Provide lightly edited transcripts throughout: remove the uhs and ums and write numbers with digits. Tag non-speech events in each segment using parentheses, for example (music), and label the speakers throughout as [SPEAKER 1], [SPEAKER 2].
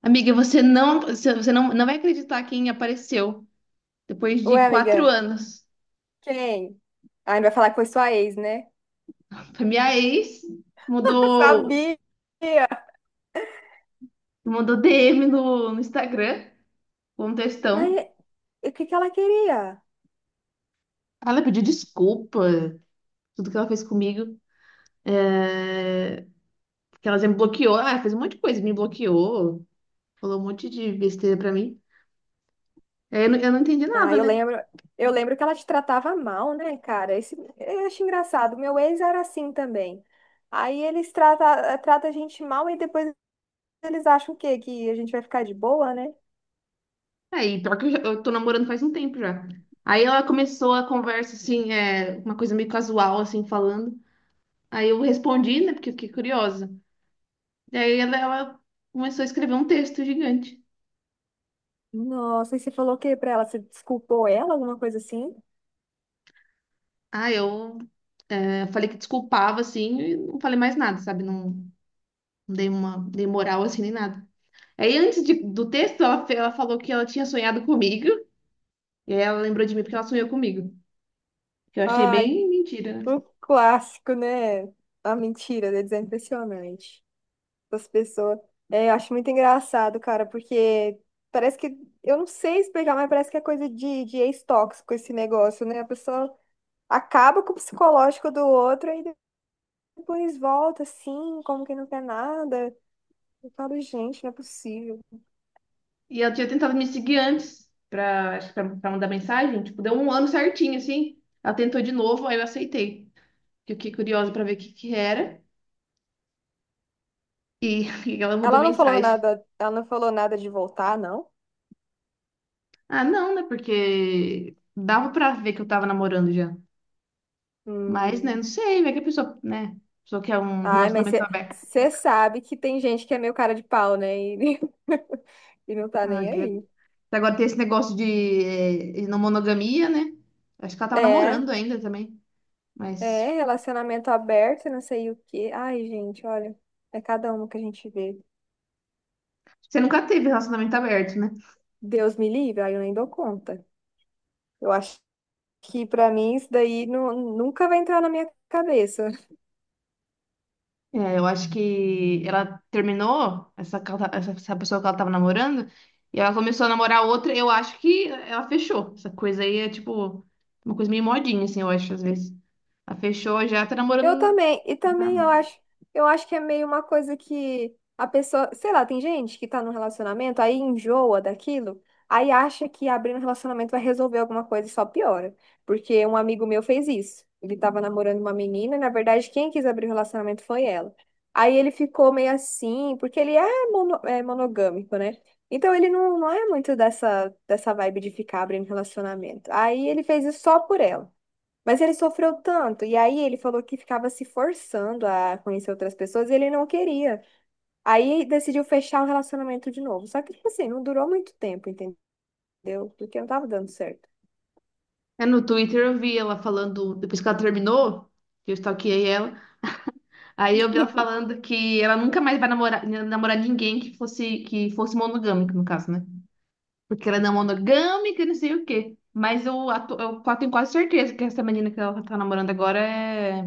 [SPEAKER 1] Amiga, você não vai acreditar quem apareceu depois
[SPEAKER 2] Ué,
[SPEAKER 1] de quatro
[SPEAKER 2] amiga,
[SPEAKER 1] anos.
[SPEAKER 2] quem? Ai, vai falar que foi sua ex, né?
[SPEAKER 1] Foi minha ex,
[SPEAKER 2] (laughs)
[SPEAKER 1] mudou,
[SPEAKER 2] Sabia!
[SPEAKER 1] mandou DM no Instagram, um
[SPEAKER 2] Mas
[SPEAKER 1] textão.
[SPEAKER 2] e o que que ela queria?
[SPEAKER 1] Ela pediu desculpa, tudo que ela fez comigo, porque ela já me bloqueou, ela fez um monte de coisa, me bloqueou, falou um monte de besteira pra mim. Aí eu não entendi
[SPEAKER 2] Ah,
[SPEAKER 1] nada, né?
[SPEAKER 2] eu lembro que ela te tratava mal, né, cara? Esse, eu acho engraçado. Meu ex era assim também. Aí eles trata a gente mal e depois eles acham o quê? Que a gente vai ficar de boa, né?
[SPEAKER 1] Aí, pior que eu, eu tô namorando faz um tempo já. Aí ela começou a conversa, assim, é, uma coisa meio casual, assim, falando. Aí eu respondi, né? Porque eu fiquei curiosa. E aí ela começou a escrever um texto gigante.
[SPEAKER 2] Nossa, e você falou o quê pra ela? Você desculpou ela, alguma coisa assim?
[SPEAKER 1] Ah, eu falei que desculpava, assim, e não falei mais nada, sabe? Não, não dei uma, dei moral, assim, nem nada. Aí, do texto, ela, ela falou que ela tinha sonhado comigo, e aí ela lembrou de mim porque ela sonhou comigo, que eu achei
[SPEAKER 2] Ai,
[SPEAKER 1] bem mentira, né?
[SPEAKER 2] um clássico, né? A mentira deles é impressionante. Das pessoas. É, eu acho muito engraçado, cara, porque parece que, eu não sei explicar, mas parece que é coisa de ex-tóxico esse negócio, né? A pessoa acaba com o psicológico do outro e depois volta assim, como que não quer nada. Eu falo, gente, não é possível.
[SPEAKER 1] E ela tinha tentado me seguir antes, pra, acho que pra, pra mandar mensagem, tipo, deu um ano certinho, assim. Ela tentou de novo, aí eu aceitei. Que Eu fiquei curiosa pra ver o que que era, e, (laughs) e ela mandou
[SPEAKER 2] Ela não falou
[SPEAKER 1] mensagem.
[SPEAKER 2] nada, ela não falou nada de voltar, não?
[SPEAKER 1] Ah, não, né? Porque dava pra ver que eu tava namorando já. Mas, né, não
[SPEAKER 2] Hum.
[SPEAKER 1] sei, vai que a pessoa, né? A pessoa quer um
[SPEAKER 2] Ai, mas
[SPEAKER 1] relacionamento aberto.
[SPEAKER 2] você sabe que tem gente que é meio cara de pau, né? E, (laughs) e não tá
[SPEAKER 1] Ah,
[SPEAKER 2] nem
[SPEAKER 1] que...
[SPEAKER 2] aí.
[SPEAKER 1] Até agora tem esse negócio de, de não monogamia, né? Acho que ela tava
[SPEAKER 2] É.
[SPEAKER 1] namorando ainda também. Mas
[SPEAKER 2] É, relacionamento aberto, e não sei o quê. Ai, gente, olha, é cada uma que a gente vê.
[SPEAKER 1] você nunca teve relacionamento aberto, né?
[SPEAKER 2] Deus me livre, aí eu nem dou conta. Eu acho que pra mim isso daí nunca vai entrar na minha cabeça.
[SPEAKER 1] É, eu acho que ela terminou essa, essa, essa pessoa que ela tava namorando e ela começou a namorar outra. Eu acho que ela fechou. Essa coisa aí é tipo uma coisa meio modinha, assim, eu acho, às vezes. Ela fechou, já tá
[SPEAKER 2] Eu
[SPEAKER 1] namorando.
[SPEAKER 2] também, e também
[SPEAKER 1] Normal.
[SPEAKER 2] eu acho que é meio uma coisa que a pessoa, sei lá, tem gente que tá num relacionamento, aí enjoa daquilo, aí acha que abrir um relacionamento vai resolver alguma coisa e só piora. Porque um amigo meu fez isso. Ele tava namorando uma menina, e na verdade, quem quis abrir o relacionamento foi ela. Aí ele ficou meio assim, porque ele é, é monogâmico, né? Então ele não, não é muito dessa, dessa vibe de ficar abrindo relacionamento. Aí ele fez isso só por ela. Mas ele sofreu tanto, e aí ele falou que ficava se forçando a conhecer outras pessoas e ele não queria. Aí decidiu fechar o relacionamento de novo. Só que, tipo assim, não durou muito tempo, entendeu? Porque não tava dando certo.
[SPEAKER 1] É, no Twitter eu vi ela falando, depois que ela terminou, que eu stalkeei ela, aí eu vi ela falando que ela nunca mais vai namorar, namorar ninguém que fosse monogâmico, no caso, né? Porque ela não é não monogâmica, não sei o quê. Mas eu, tenho quase certeza que essa menina que ela tá namorando agora é,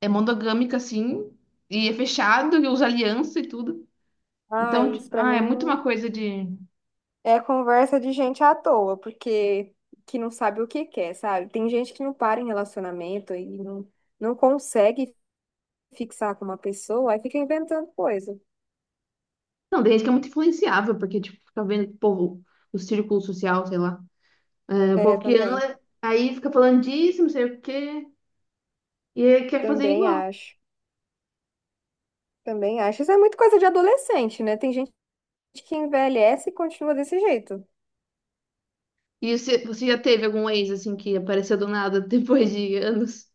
[SPEAKER 1] é monogâmica, assim, e é fechado, e usa aliança e tudo.
[SPEAKER 2] Ah,
[SPEAKER 1] Então,
[SPEAKER 2] isso pra
[SPEAKER 1] é muito
[SPEAKER 2] mim
[SPEAKER 1] uma coisa de.
[SPEAKER 2] é conversa de gente à toa, porque que não sabe o que quer, sabe? Tem gente que não para em relacionamento e não, não consegue fixar com uma pessoa, aí fica inventando coisa.
[SPEAKER 1] Não, desde que é muito influenciável, porque, tipo, fica vendo que o povo, o círculo social, sei lá. É, o
[SPEAKER 2] É,
[SPEAKER 1] povo que
[SPEAKER 2] também.
[SPEAKER 1] anda, aí fica falando disso, não sei o quê, e aí quer fazer
[SPEAKER 2] Também
[SPEAKER 1] igual.
[SPEAKER 2] acho. Também acho. Isso é muito coisa de adolescente, né? Tem gente que envelhece e continua desse jeito.
[SPEAKER 1] E você já teve algum ex, assim, que apareceu do nada depois de anos?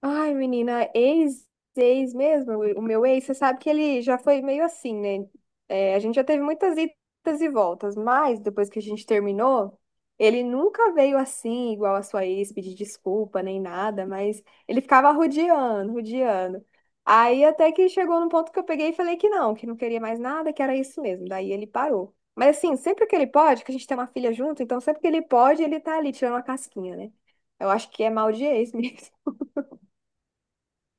[SPEAKER 2] Ai, menina, ex, ex mesmo, o meu ex, você sabe que ele já foi meio assim, né? É, a gente já teve muitas idas e voltas, mas depois que a gente terminou, ele nunca veio assim, igual a sua ex, pedir desculpa nem nada, mas ele ficava rodeando, rodeando. Aí até que chegou num ponto que eu peguei e falei que não queria mais nada, que era isso mesmo. Daí ele parou. Mas assim, sempre que ele pode, que a gente tem uma filha junto, então sempre que ele pode, ele tá ali tirando uma casquinha, né? Eu acho que é mal de ex (laughs) mesmo.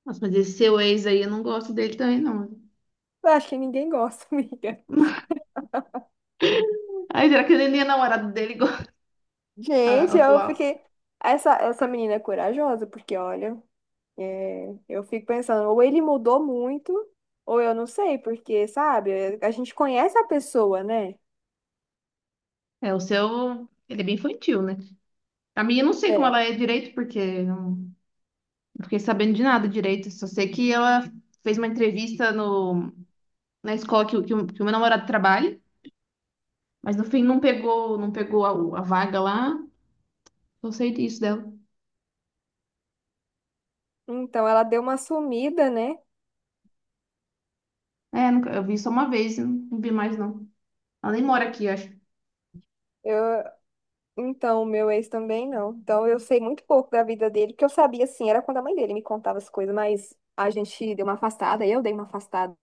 [SPEAKER 1] Nossa, mas esse seu ex aí, eu não gosto dele também, não.
[SPEAKER 2] Eu acho que ninguém gosta, (laughs) amiga.
[SPEAKER 1] Ai, será que ele nem é namorado dele igual (laughs) a
[SPEAKER 2] Gente, eu
[SPEAKER 1] atual?
[SPEAKER 2] fiquei. Essa menina é corajosa, porque olha, é, eu fico pensando, ou ele mudou muito, ou eu não sei, porque, sabe, a gente conhece a pessoa, né?
[SPEAKER 1] É, o seu, ele é bem infantil, né? A minha eu não sei como ela
[SPEAKER 2] É.
[SPEAKER 1] é direito, porque não, não fiquei sabendo de nada direito. Só sei que ela fez uma entrevista no, na escola que, o que o meu namorado trabalha, mas no fim não pegou, não pegou a vaga lá. Só sei disso dela.
[SPEAKER 2] Então ela deu uma sumida, né?
[SPEAKER 1] É, eu vi só uma vez, não, não vi mais não. Ela nem mora aqui, eu acho.
[SPEAKER 2] Eu, então, o meu ex também não. Então eu sei muito pouco da vida dele, porque eu sabia assim, era quando a mãe dele me contava as coisas, mas a gente deu uma afastada, eu dei uma afastada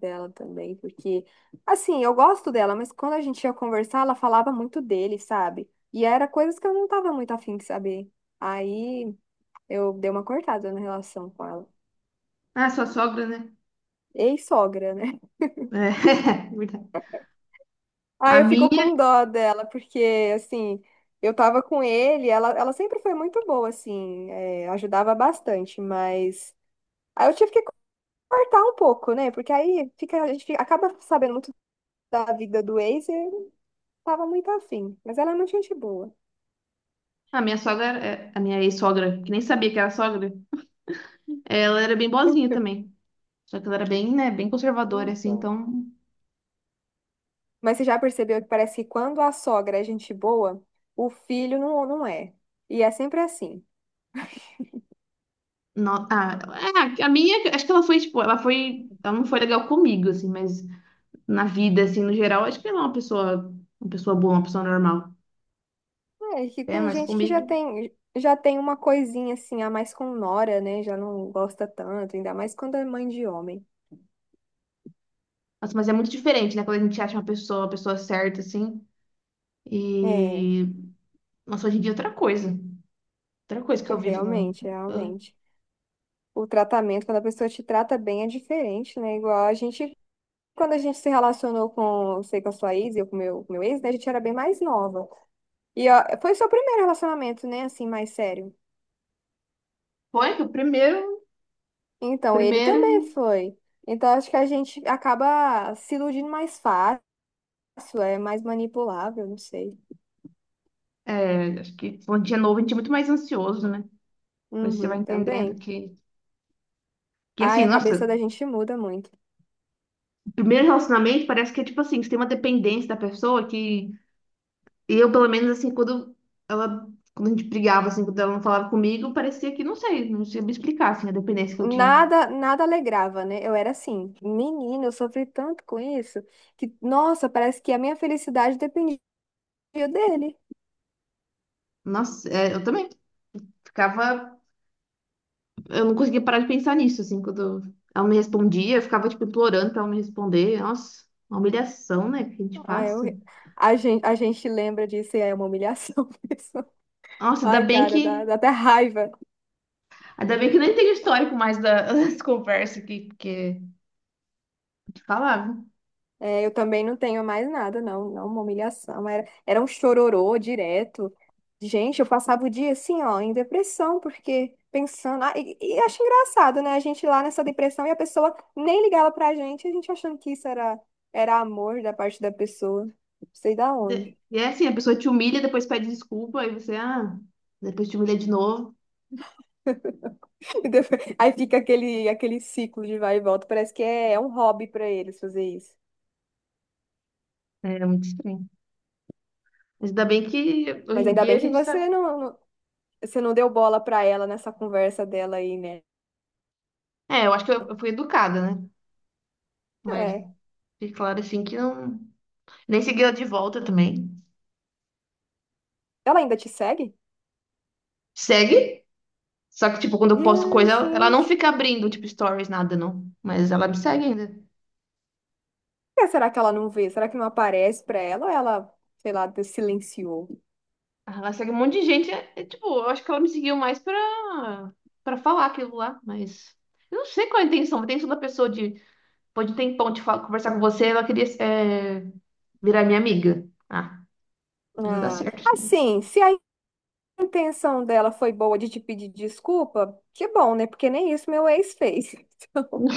[SPEAKER 2] dela também, porque, assim, eu gosto dela, mas quando a gente ia conversar, ela falava muito dele, sabe? E era coisas que eu não tava muito afim de saber. Aí eu dei uma cortada na relação com ela.
[SPEAKER 1] Ah, sua sogra, né?
[SPEAKER 2] Ex-sogra, né?
[SPEAKER 1] É, (laughs) verdade. A
[SPEAKER 2] Aí eu fico
[SPEAKER 1] minha,
[SPEAKER 2] com dó dela, porque, assim, eu tava com ele, ela sempre foi muito boa, assim, é, ajudava bastante, mas. Aí eu tive que cortar um pouco, né? Porque aí fica, a gente acaba sabendo muito da vida do ex e eu não tava muito afim. Mas ela é muito gente boa.
[SPEAKER 1] a minha sogra, a minha ex-sogra, que nem sabia que era sogra. Ela era bem boazinha também. Só que ela era bem, né, bem conservadora, assim,
[SPEAKER 2] Então.
[SPEAKER 1] então.
[SPEAKER 2] Mas você já percebeu que parece que quando a sogra é gente boa, o filho não, não é. E é sempre assim.
[SPEAKER 1] No... Ah, é, a minha, acho que ela foi, tipo, ela foi. Ela não foi legal comigo, assim, mas na vida, assim, no geral, acho que ela é uma pessoa boa, uma pessoa normal.
[SPEAKER 2] É, que
[SPEAKER 1] É,
[SPEAKER 2] tem
[SPEAKER 1] mas
[SPEAKER 2] gente que
[SPEAKER 1] comigo.
[SPEAKER 2] já tem uma coisinha assim, a mais com nora, né? Já não gosta tanto, ainda mais quando é mãe de homem.
[SPEAKER 1] Nossa, mas é muito diferente, né? Quando a gente acha uma pessoa certa, assim.
[SPEAKER 2] É,
[SPEAKER 1] E. Nossa, hoje em dia é outra coisa. Outra coisa que eu vivo no.
[SPEAKER 2] realmente,
[SPEAKER 1] eu-
[SPEAKER 2] realmente. O tratamento, quando a pessoa te trata bem, é diferente, né? Igual a gente, quando a gente se relacionou com, sei, com a sua ex, e eu com o meu ex, né? A gente era bem mais nova. E ó, foi o seu primeiro relacionamento, né? Assim, mais sério.
[SPEAKER 1] Foi que o primeiro.
[SPEAKER 2] Então, ele
[SPEAKER 1] Primeiro.
[SPEAKER 2] também foi. Então, acho que a gente acaba se iludindo mais fácil, é mais manipulável, não sei.
[SPEAKER 1] É, acho que quando a gente é novo, a gente é muito mais ansioso, né? Depois você vai
[SPEAKER 2] Uhum,
[SPEAKER 1] entendendo
[SPEAKER 2] também.
[SPEAKER 1] que. Que
[SPEAKER 2] Ai,
[SPEAKER 1] assim,
[SPEAKER 2] a
[SPEAKER 1] nossa,
[SPEAKER 2] cabeça da gente muda muito.
[SPEAKER 1] primeiro relacionamento parece que é tipo assim, você tem uma dependência da pessoa que eu, pelo menos, assim, quando ela, quando a gente brigava, assim, quando ela não falava comigo, parecia que, não sei, não sei me explicar, assim, a dependência que eu tinha.
[SPEAKER 2] Nada, nada alegrava, né? Eu era assim, menina, eu sofri tanto com isso que, nossa, parece que a minha felicidade dependia dele.
[SPEAKER 1] Nossa, é, eu também ficava, eu não conseguia parar de pensar nisso, assim, quando ela me respondia, eu ficava, tipo, implorando pra ela me responder. Nossa, uma humilhação, né, que a gente
[SPEAKER 2] Ai, eu,
[SPEAKER 1] passa.
[SPEAKER 2] a gente lembra disso e é uma humilhação (laughs) mesmo.
[SPEAKER 1] Nossa,
[SPEAKER 2] Ai, cara, dá, dá até raiva.
[SPEAKER 1] ainda bem que eu nem tem histórico mais da, (laughs) das conversas aqui, porque, te falar.
[SPEAKER 2] É, eu também não tenho mais nada, não. Não, uma humilhação. Era, era um chororô direto. Gente, eu passava o dia assim, ó, em depressão, porque pensando. Ah, e acho engraçado, né? A gente lá nessa depressão e a pessoa nem ligava pra gente, a gente achando que isso era, era amor da parte da pessoa. Não sei da
[SPEAKER 1] É,
[SPEAKER 2] onde.
[SPEAKER 1] e é assim, a pessoa te humilha, depois pede desculpa, aí você, ah, depois te humilha de novo.
[SPEAKER 2] (laughs) E depois- Aí fica aquele, aquele ciclo de vai e volta. Parece que é, é um hobby pra eles fazer isso.
[SPEAKER 1] É muito estranho. Mas ainda bem que hoje
[SPEAKER 2] Mas
[SPEAKER 1] em
[SPEAKER 2] ainda
[SPEAKER 1] dia
[SPEAKER 2] bem
[SPEAKER 1] a
[SPEAKER 2] que
[SPEAKER 1] gente tá.
[SPEAKER 2] você não, você não deu bola pra ela nessa conversa dela aí, né?
[SPEAKER 1] É, eu acho que eu fui educada, né? Mas
[SPEAKER 2] É.
[SPEAKER 1] fica claro assim que não. Nem segui ela de volta também.
[SPEAKER 2] Ela ainda te segue?
[SPEAKER 1] Segue. Só que, tipo, quando eu posto
[SPEAKER 2] Ai,
[SPEAKER 1] coisa, ela não
[SPEAKER 2] gente.
[SPEAKER 1] fica abrindo, tipo, stories, nada, não. Mas ela me segue ainda.
[SPEAKER 2] Por que será que ela não vê? Será que não aparece pra ela? Ou ela, sei lá, silenciou?
[SPEAKER 1] Ela segue um monte de gente. É, é, tipo, eu acho que ela me seguiu mais pra, pra falar aquilo lá. Mas eu não sei qual é a intenção. A intenção da pessoa de depois de um tempão de falar, conversar com você, ela queria é, virar minha amiga. Ah, isso não dá
[SPEAKER 2] Ah,
[SPEAKER 1] certo. Isso não.
[SPEAKER 2] assim, se a intenção dela foi boa de te pedir desculpa, que bom, né? Porque nem isso meu ex fez. (laughs) Então,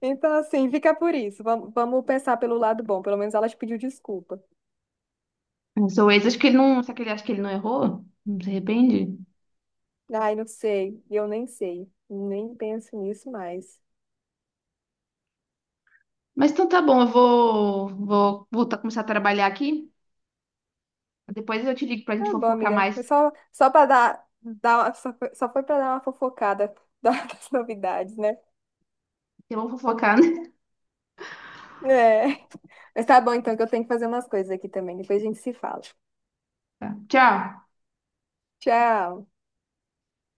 [SPEAKER 2] então, assim, fica por isso. Vamos, vamos pensar pelo lado bom. Pelo menos ela te pediu desculpa.
[SPEAKER 1] O seu ex, acho que ele não. Será que ele acha que ele não errou? Não se arrepende?
[SPEAKER 2] Ai, não sei. Eu nem sei. Nem penso nisso mais.
[SPEAKER 1] Mas então tá bom, eu vou, vou voltar a começar a trabalhar aqui. Depois eu te ligo pra
[SPEAKER 2] Tá
[SPEAKER 1] gente
[SPEAKER 2] bom,
[SPEAKER 1] fofocar
[SPEAKER 2] amiga. Foi
[SPEAKER 1] mais.
[SPEAKER 2] só, só para dar, só foi para dar uma fofocada (laughs) das novidades, né?
[SPEAKER 1] Porque vamos fofocar, né?
[SPEAKER 2] É. Mas tá bom, então, que eu tenho que fazer umas coisas aqui também. Depois a gente se fala.
[SPEAKER 1] Tá. Tchau.
[SPEAKER 2] Tchau.